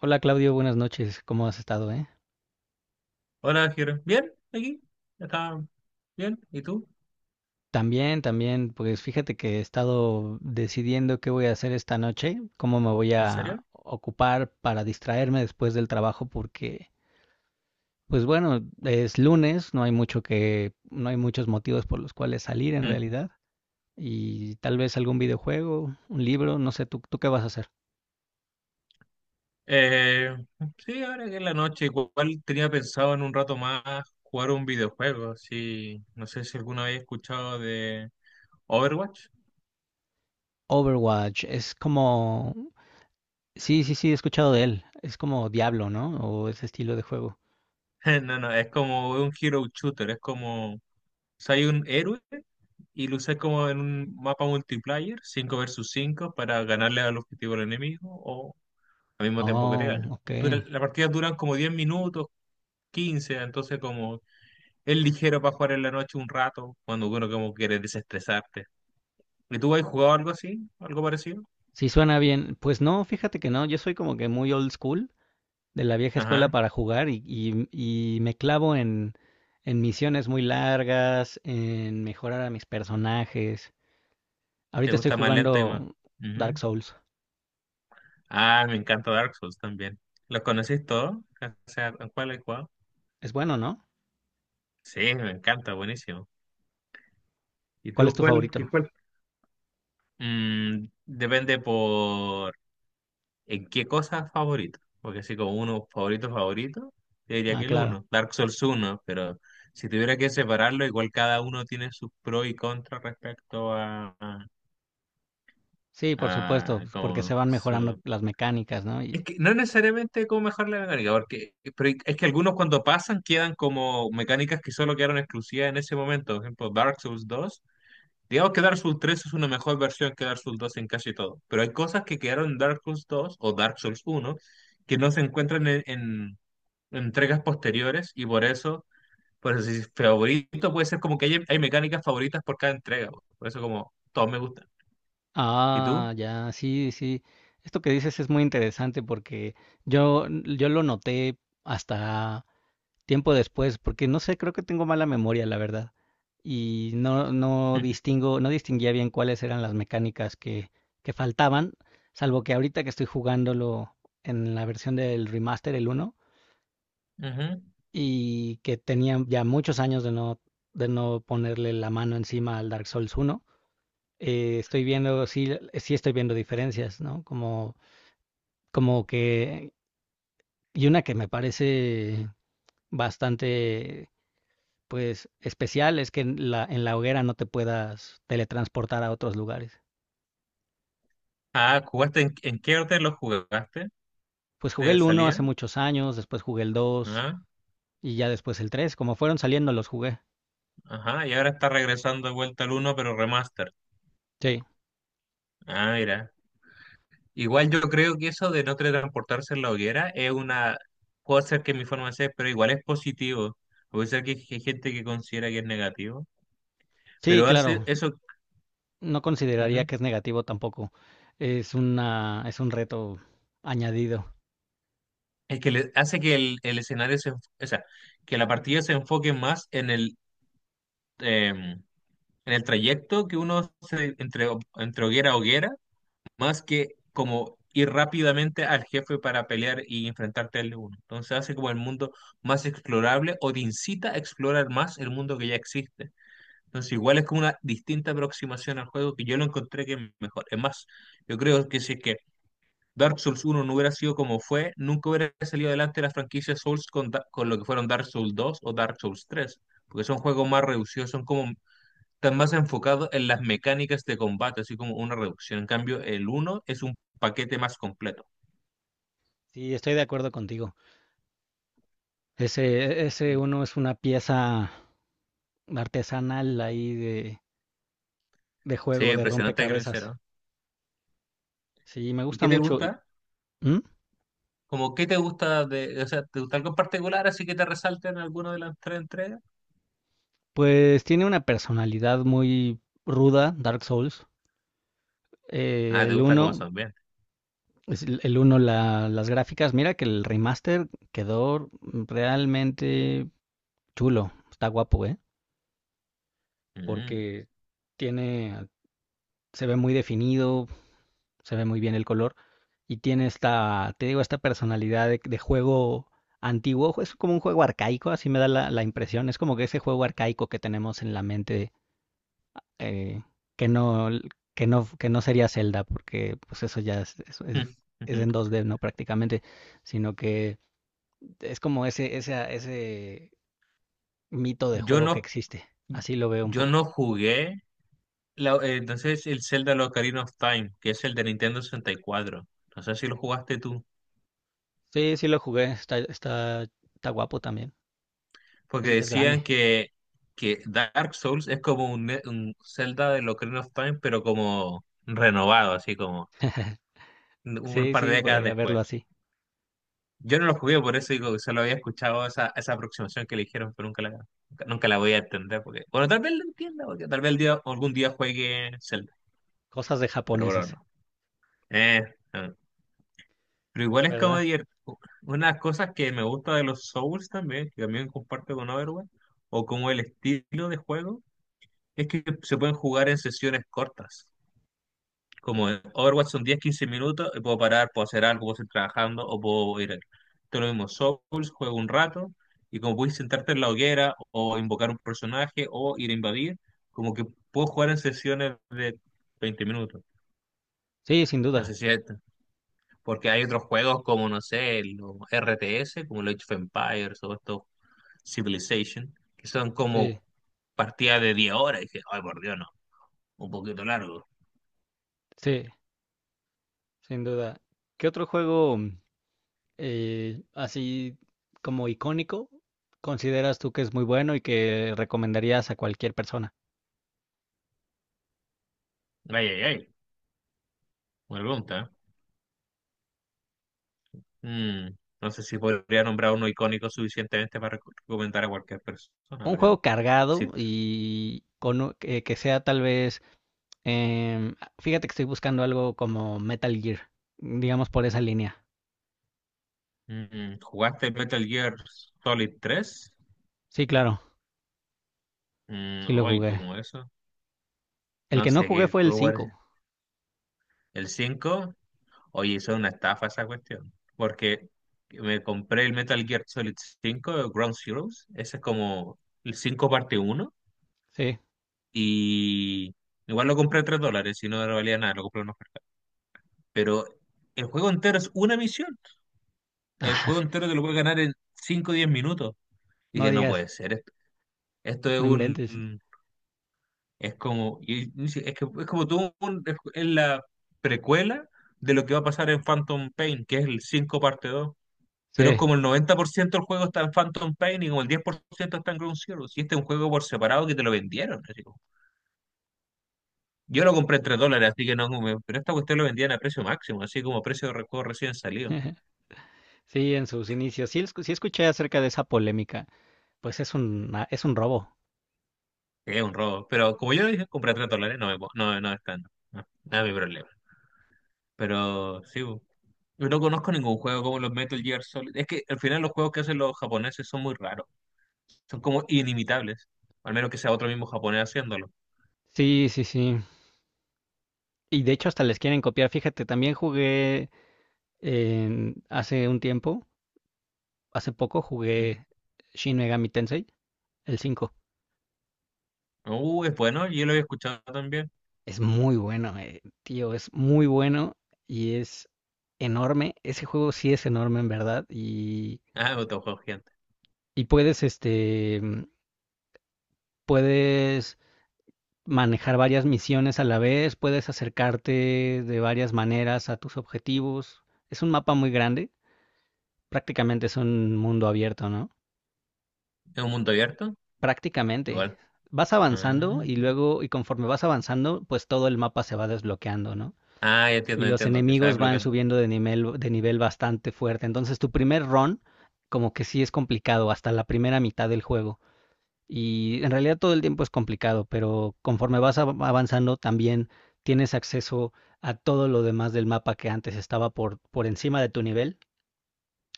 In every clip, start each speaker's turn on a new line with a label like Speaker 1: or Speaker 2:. Speaker 1: Hola Claudio, buenas noches. ¿Cómo has estado,
Speaker 2: Hola, Jero. ¿Bien? ¿Aquí? ¿Está bien? ¿Y tú?
Speaker 1: También, también, pues fíjate que he estado decidiendo qué voy a hacer esta noche, cómo me voy
Speaker 2: ¿En
Speaker 1: a
Speaker 2: serio?
Speaker 1: ocupar para distraerme después del trabajo porque pues bueno, es lunes, no hay mucho que no hay muchos motivos por los cuales salir en
Speaker 2: Mm.
Speaker 1: realidad, y tal vez algún videojuego, un libro, no sé. ¿Tú qué vas a hacer?
Speaker 2: Eh, sí, ahora que es la noche, igual tenía pensado en un rato más jugar un videojuego. Sí, no sé si alguna vez he escuchado de Overwatch.
Speaker 1: Overwatch es como... Sí, sí, sí, he escuchado de él. Es como Diablo, ¿no? O ese estilo de juego.
Speaker 2: No, no, es como un hero shooter, es como, o un héroe y lo usas como en un mapa multiplayer, 5 versus 5 para ganarle al objetivo al enemigo o al mismo tiempo que te
Speaker 1: Oh,
Speaker 2: ganen.
Speaker 1: ok.
Speaker 2: La partida duran como 10 minutos, 15, entonces como es ligero para jugar en la noche un rato, cuando uno como quiere desestresarte. ¿Y tú has jugado algo así? ¿Algo parecido?
Speaker 1: Si suena bien. Pues no, fíjate que no, yo soy como que muy old school, de la vieja escuela
Speaker 2: Ajá.
Speaker 1: para jugar, y me clavo en misiones muy largas, en mejorar a mis personajes.
Speaker 2: ¿Te
Speaker 1: Ahorita estoy
Speaker 2: gusta más lento y
Speaker 1: jugando
Speaker 2: más?
Speaker 1: Dark
Speaker 2: Ujú.
Speaker 1: Souls.
Speaker 2: Ah, me encanta Dark Souls también. ¿Los conocís todos? O sea, ¿a ¿cuál has jugado?
Speaker 1: Es bueno, ¿no?
Speaker 2: Sí, me encanta, buenísimo. ¿Y
Speaker 1: ¿Cuál es
Speaker 2: tú
Speaker 1: tu
Speaker 2: cuál?
Speaker 1: favorito?
Speaker 2: ¿Cuál? Depende por. ¿En qué cosa favorito? Porque así como uno favorito, favorito, te diría
Speaker 1: Ah,
Speaker 2: que el
Speaker 1: claro.
Speaker 2: uno, Dark Souls uno. Pero si tuviera que separarlo, igual cada uno tiene sus pros y contras respecto
Speaker 1: Sí, por supuesto,
Speaker 2: a
Speaker 1: pues, porque se
Speaker 2: como
Speaker 1: van mejorando
Speaker 2: su...
Speaker 1: las mecánicas, ¿no?
Speaker 2: Es
Speaker 1: Y...
Speaker 2: que no necesariamente como mejor la mecánica, porque pero es que algunos cuando pasan quedan como mecánicas que solo quedaron exclusivas en ese momento. Por ejemplo, Dark Souls dos. Digamos que Dark Souls 3 es una mejor versión que Dark Souls 2 en casi todo, pero hay cosas que quedaron en Dark Souls 2 o Dark Souls 1 que no se encuentran en entregas posteriores y por eso si favorito puede ser como que hay mecánicas favoritas por cada entrega, po. Por eso como todos me gustan. ¿Y tú?
Speaker 1: Ah, ya, sí, sí. Esto que dices es muy interesante porque yo lo noté hasta... tiempo después, porque no sé, creo que tengo mala memoria, la verdad. Y no distinguía bien cuáles eran las mecánicas que faltaban, salvo que ahorita que estoy jugándolo en la versión del remaster, el uno,
Speaker 2: Ujú.
Speaker 1: y que tenía ya muchos años de no ponerle la mano encima al Dark Souls uno. Estoy viendo, sí, sí estoy viendo diferencias, ¿no? Como, como que... Y una que me parece bastante pues especial es que en la hoguera no te puedas teletransportar a otros lugares.
Speaker 2: Ah, ¿jugaste en qué orden los jugaste
Speaker 1: Pues jugué
Speaker 2: de
Speaker 1: el uno hace
Speaker 2: salida?
Speaker 1: muchos años, después jugué el dos
Speaker 2: Ajá,
Speaker 1: y ya después el tres. Como fueron saliendo los jugué.
Speaker 2: ajá, y ahora está regresando de vuelta al uno pero remaster.
Speaker 1: Sí,
Speaker 2: Ah, mira. Igual yo creo que eso de no teletransportarse en la hoguera es una, puede ser que mi forma de ser, pero igual es positivo. Puede ser que hay gente que considera que es negativo,
Speaker 1: sí,
Speaker 2: pero hace
Speaker 1: claro.
Speaker 2: eso,
Speaker 1: No consideraría
Speaker 2: ujú,
Speaker 1: que es negativo tampoco. Es una, es un reto añadido.
Speaker 2: es que le, hace que el escenario se, o sea, que la partida se enfoque más em, en el trayecto que uno se, entre hoguera a hoguera más que como ir rápidamente al jefe para pelear y enfrentarte al uno. Entonces hace como el mundo más explorable o te incita a explorar más el mundo que ya existe. Entonces igual es como una distinta aproximación al juego que yo lo encontré que es mejor. Es más, yo creo que si es que Dark Souls uno no hubiera sido como fue, nunca hubiera salido adelante la franquicia Souls con, con lo que fueron Dark Souls dos o Dark Souls 3 porque son juegos más reducidos, son como están más enfocados en las mecánicas de combate, así como una reducción. En cambio, el uno es un paquete más completo.
Speaker 1: Sí, estoy de acuerdo contigo. Ese
Speaker 2: Mm.
Speaker 1: uno es una pieza artesanal ahí de
Speaker 2: Sí,
Speaker 1: juego, de
Speaker 2: impresionante creo que lo
Speaker 1: rompecabezas.
Speaker 2: hicieron.
Speaker 1: Sí, me
Speaker 2: ¿Y
Speaker 1: gusta
Speaker 2: qué te
Speaker 1: mucho.
Speaker 2: gusta?
Speaker 1: ¿Mm?
Speaker 2: Como, ¿qué te gusta de, o sea, te gusta algo en particular así que te resalten en alguna de las tres entregas?
Speaker 1: Pues tiene una personalidad muy ruda, Dark Souls.
Speaker 2: Ah, te
Speaker 1: El
Speaker 2: gusta cómo
Speaker 1: uno
Speaker 2: son bien.
Speaker 1: es el 1, las gráficas. Mira que el remaster quedó realmente chulo, está guapo, ¿eh?
Speaker 2: Mm.
Speaker 1: Porque tiene, se ve muy definido, se ve muy bien el color, y tiene esta, te digo, esta personalidad de juego antiguo. Es como un juego arcaico, así me da la, la impresión. Es como que ese juego arcaico que tenemos en la mente, eh, que no, que no, que no sería Zelda, porque pues eso ya es en 2D, ¿no? Prácticamente. Sino que es como ese mito de
Speaker 2: Yo
Speaker 1: juego que
Speaker 2: no,
Speaker 1: existe. Así lo veo un
Speaker 2: yo
Speaker 1: poco.
Speaker 2: no jugué entonces el Zelda Ocarina of Time, que es el de Nintendo 64. No sé si lo jugaste tú.
Speaker 1: Sí, sí lo jugué, está, está, está guapo también.
Speaker 2: Porque
Speaker 1: Es grande.
Speaker 2: decían que Dark Souls es como un, un Zelda de Ocarina of Time, pero como renovado, así como un
Speaker 1: Sí,
Speaker 2: par de
Speaker 1: sí,
Speaker 2: décadas
Speaker 1: podría
Speaker 2: después.
Speaker 1: verlo así.
Speaker 2: Yo no lo jugué, por eso digo que solo había escuchado esa aproximación que le dijeron, pero nunca la voy a entender. Porque, bueno, tal vez la entienda, porque tal vez el día, algún día juegue Zelda,
Speaker 1: Cosas de
Speaker 2: pero bueno,
Speaker 1: japoneses,
Speaker 2: no. Eh, no Pero igual es como
Speaker 1: ¿verdad?
Speaker 2: una de las cosas que me gusta de los Souls también, que también comparto con Overwatch, o como el estilo de juego es que se pueden jugar en sesiones cortas. Como en Overwatch son 10, 15 minutos, y puedo parar, puedo hacer algo, puedo seguir trabajando o puedo ir. Todo lo mismo, Souls, juego un rato y como puedes sentarte en la hoguera o invocar un personaje o ir a invadir, como que puedo jugar en sesiones de 20 minutos.
Speaker 1: Sí, sin
Speaker 2: No
Speaker 1: duda.
Speaker 2: sé si es esto, porque hay otros juegos como, no sé, los RTS, como los Age of Empires o estos Civilization, que son
Speaker 1: Sí,
Speaker 2: como partidas de 10 horas. Y dije, ay, por Dios, no, un poquito largo.
Speaker 1: sí, sin duda. ¿Qué otro juego así como icónico consideras tú que es muy bueno y que recomendarías a cualquier persona?
Speaker 2: Ay, ay, ay. Buena pregunta. ¿Eh? Mm, no sé si podría nombrar uno icónico suficientemente para recomendar a cualquier persona,
Speaker 1: Un juego
Speaker 2: pero si
Speaker 1: cargado que sea tal vez, em, fíjate que estoy buscando algo como Metal Gear, digamos por esa línea.
Speaker 2: jugaste Metal Gear Solid tres,
Speaker 1: Sí, claro, sí lo
Speaker 2: hoy
Speaker 1: jugué.
Speaker 2: como eso,
Speaker 1: El
Speaker 2: no
Speaker 1: que no
Speaker 2: sé
Speaker 1: jugué
Speaker 2: qué
Speaker 1: fue el
Speaker 2: juego era
Speaker 1: 5.
Speaker 2: el cinco. Oye, eso es una estafa esa cuestión, porque me compré el Metal Gear Solid cinco Ground Zeroes, ese es como el 5 parte uno
Speaker 1: Sí.
Speaker 2: y igual lo compré a $3, si no, no valía nada, lo compré en oferta, pero el juego entero es una misión. El juego entero te lo puede ganar en 5 o 10 minutos. Y
Speaker 1: No
Speaker 2: que no
Speaker 1: digas,
Speaker 2: puede ser esto. Esto es
Speaker 1: no inventes.
Speaker 2: un. Es como. Y sí, es que es como tú. Es la precuela de lo que va a pasar en Phantom Pain, que es el 5 parte dos.
Speaker 1: Sí,
Speaker 2: Pero es como el 90% del juego está en Phantom Pain y como el 10% está en Ground Zero. Si este es un juego por separado que te lo vendieron, así como. Yo lo compré en $3, así que no. Pero esta cuestión lo vendían a precio máximo, así como precio de juego recién salido.
Speaker 1: sí, en sus inicios. Sí, sí escuché acerca de esa polémica. Pues es un, ah, es un robo.
Speaker 2: Es un robo. Pero como yo lo dije, compré a $3, no, me, no, no es tan. No, no es mi problema. Pero sí, bo. Yo no conozco ningún juego como los Metal Gear Solid. Es que al final los juegos que hacen los japoneses son muy raros. Son como inimitables. Al menos que sea otro mismo japonés haciéndolo.
Speaker 1: Sí, sí, sí. Y de hecho hasta les quieren copiar. Fíjate, también jugué hace un tiempo, hace poco
Speaker 2: Ujú.
Speaker 1: jugué Shin Megami Tensei, el 5.
Speaker 2: Es bueno, yo lo había escuchado también.
Speaker 1: Es muy bueno, tío, es muy bueno y es enorme. Ese juego sí es enorme en verdad,
Speaker 2: Ah, otro juego gigante.
Speaker 1: y puedes, este, mm, puedes manejar varias misiones a la vez, puedes acercarte de varias maneras a tus objetivos. Es un mapa muy grande, prácticamente es un mundo abierto, ¿no?
Speaker 2: ¿Es un mundo abierto?
Speaker 1: Prácticamente.
Speaker 2: Igual.
Speaker 1: Vas avanzando
Speaker 2: Ah,
Speaker 1: y luego, y conforme vas avanzando, pues todo el mapa se va desbloqueando, ¿no?
Speaker 2: Ah,
Speaker 1: Y
Speaker 2: ya
Speaker 1: los
Speaker 2: entiendo, que se va
Speaker 1: enemigos van
Speaker 2: desbloqueando.
Speaker 1: subiendo de nivel bastante fuerte. Entonces, tu primer run, como que sí es complicado, hasta la primera mitad del juego. Y en realidad todo el tiempo es complicado, pero conforme vas avanzando también tienes acceso a todo lo demás del mapa que antes estaba por encima de tu nivel.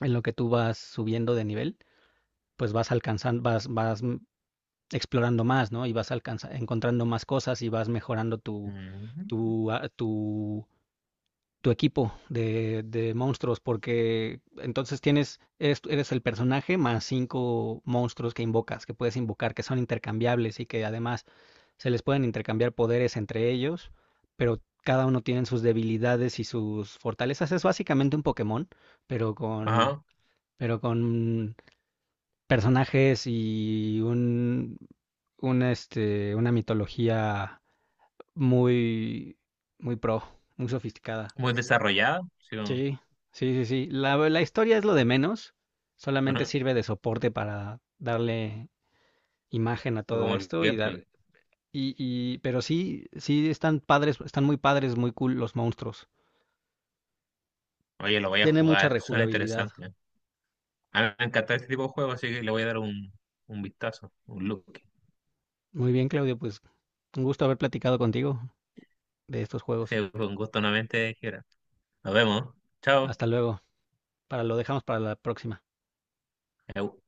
Speaker 1: En lo que tú vas subiendo de nivel, pues vas alcanzando, vas, vas explorando más, ¿no? Y vas encontrando más cosas, y vas mejorando
Speaker 2: Ujú.
Speaker 1: tu, ah, tu, tu equipo de monstruos, porque entonces tienes, eres, eres el personaje más cinco monstruos que invocas, que puedes invocar, que son intercambiables y que además se les pueden intercambiar poderes entre ellos, pero cada uno tiene sus debilidades y sus fortalezas. Es básicamente un Pokémon, pero con,
Speaker 2: Ajá,
Speaker 1: pero con personajes y un, este, una mitología muy, muy pro, muy sofisticada.
Speaker 2: muy desarrollado. Sí, como
Speaker 1: Sí, sí, sí, sí. La historia es lo de menos, solamente
Speaker 2: ajá,
Speaker 1: sirve de soporte para darle imagen a
Speaker 2: o
Speaker 1: todo
Speaker 2: como el
Speaker 1: esto y dar...
Speaker 2: gameplay.
Speaker 1: Y, y, pero sí, sí están padres, están muy padres, muy cool los monstruos.
Speaker 2: Oye, lo voy a
Speaker 1: Tiene mucha
Speaker 2: jugar, suena
Speaker 1: rejugabilidad.
Speaker 2: interesante. A mí me encanta este tipo de juegos, así que le voy a dar un, vistazo, un look.
Speaker 1: Muy bien, Claudio, pues un gusto haber platicado contigo de estos
Speaker 2: Sí,
Speaker 1: juegos.
Speaker 2: fue un gusto nuevamente, Gibran. Nos vemos. Chao.
Speaker 1: Hasta luego. Para lo dejamos para la próxima.
Speaker 2: Eu.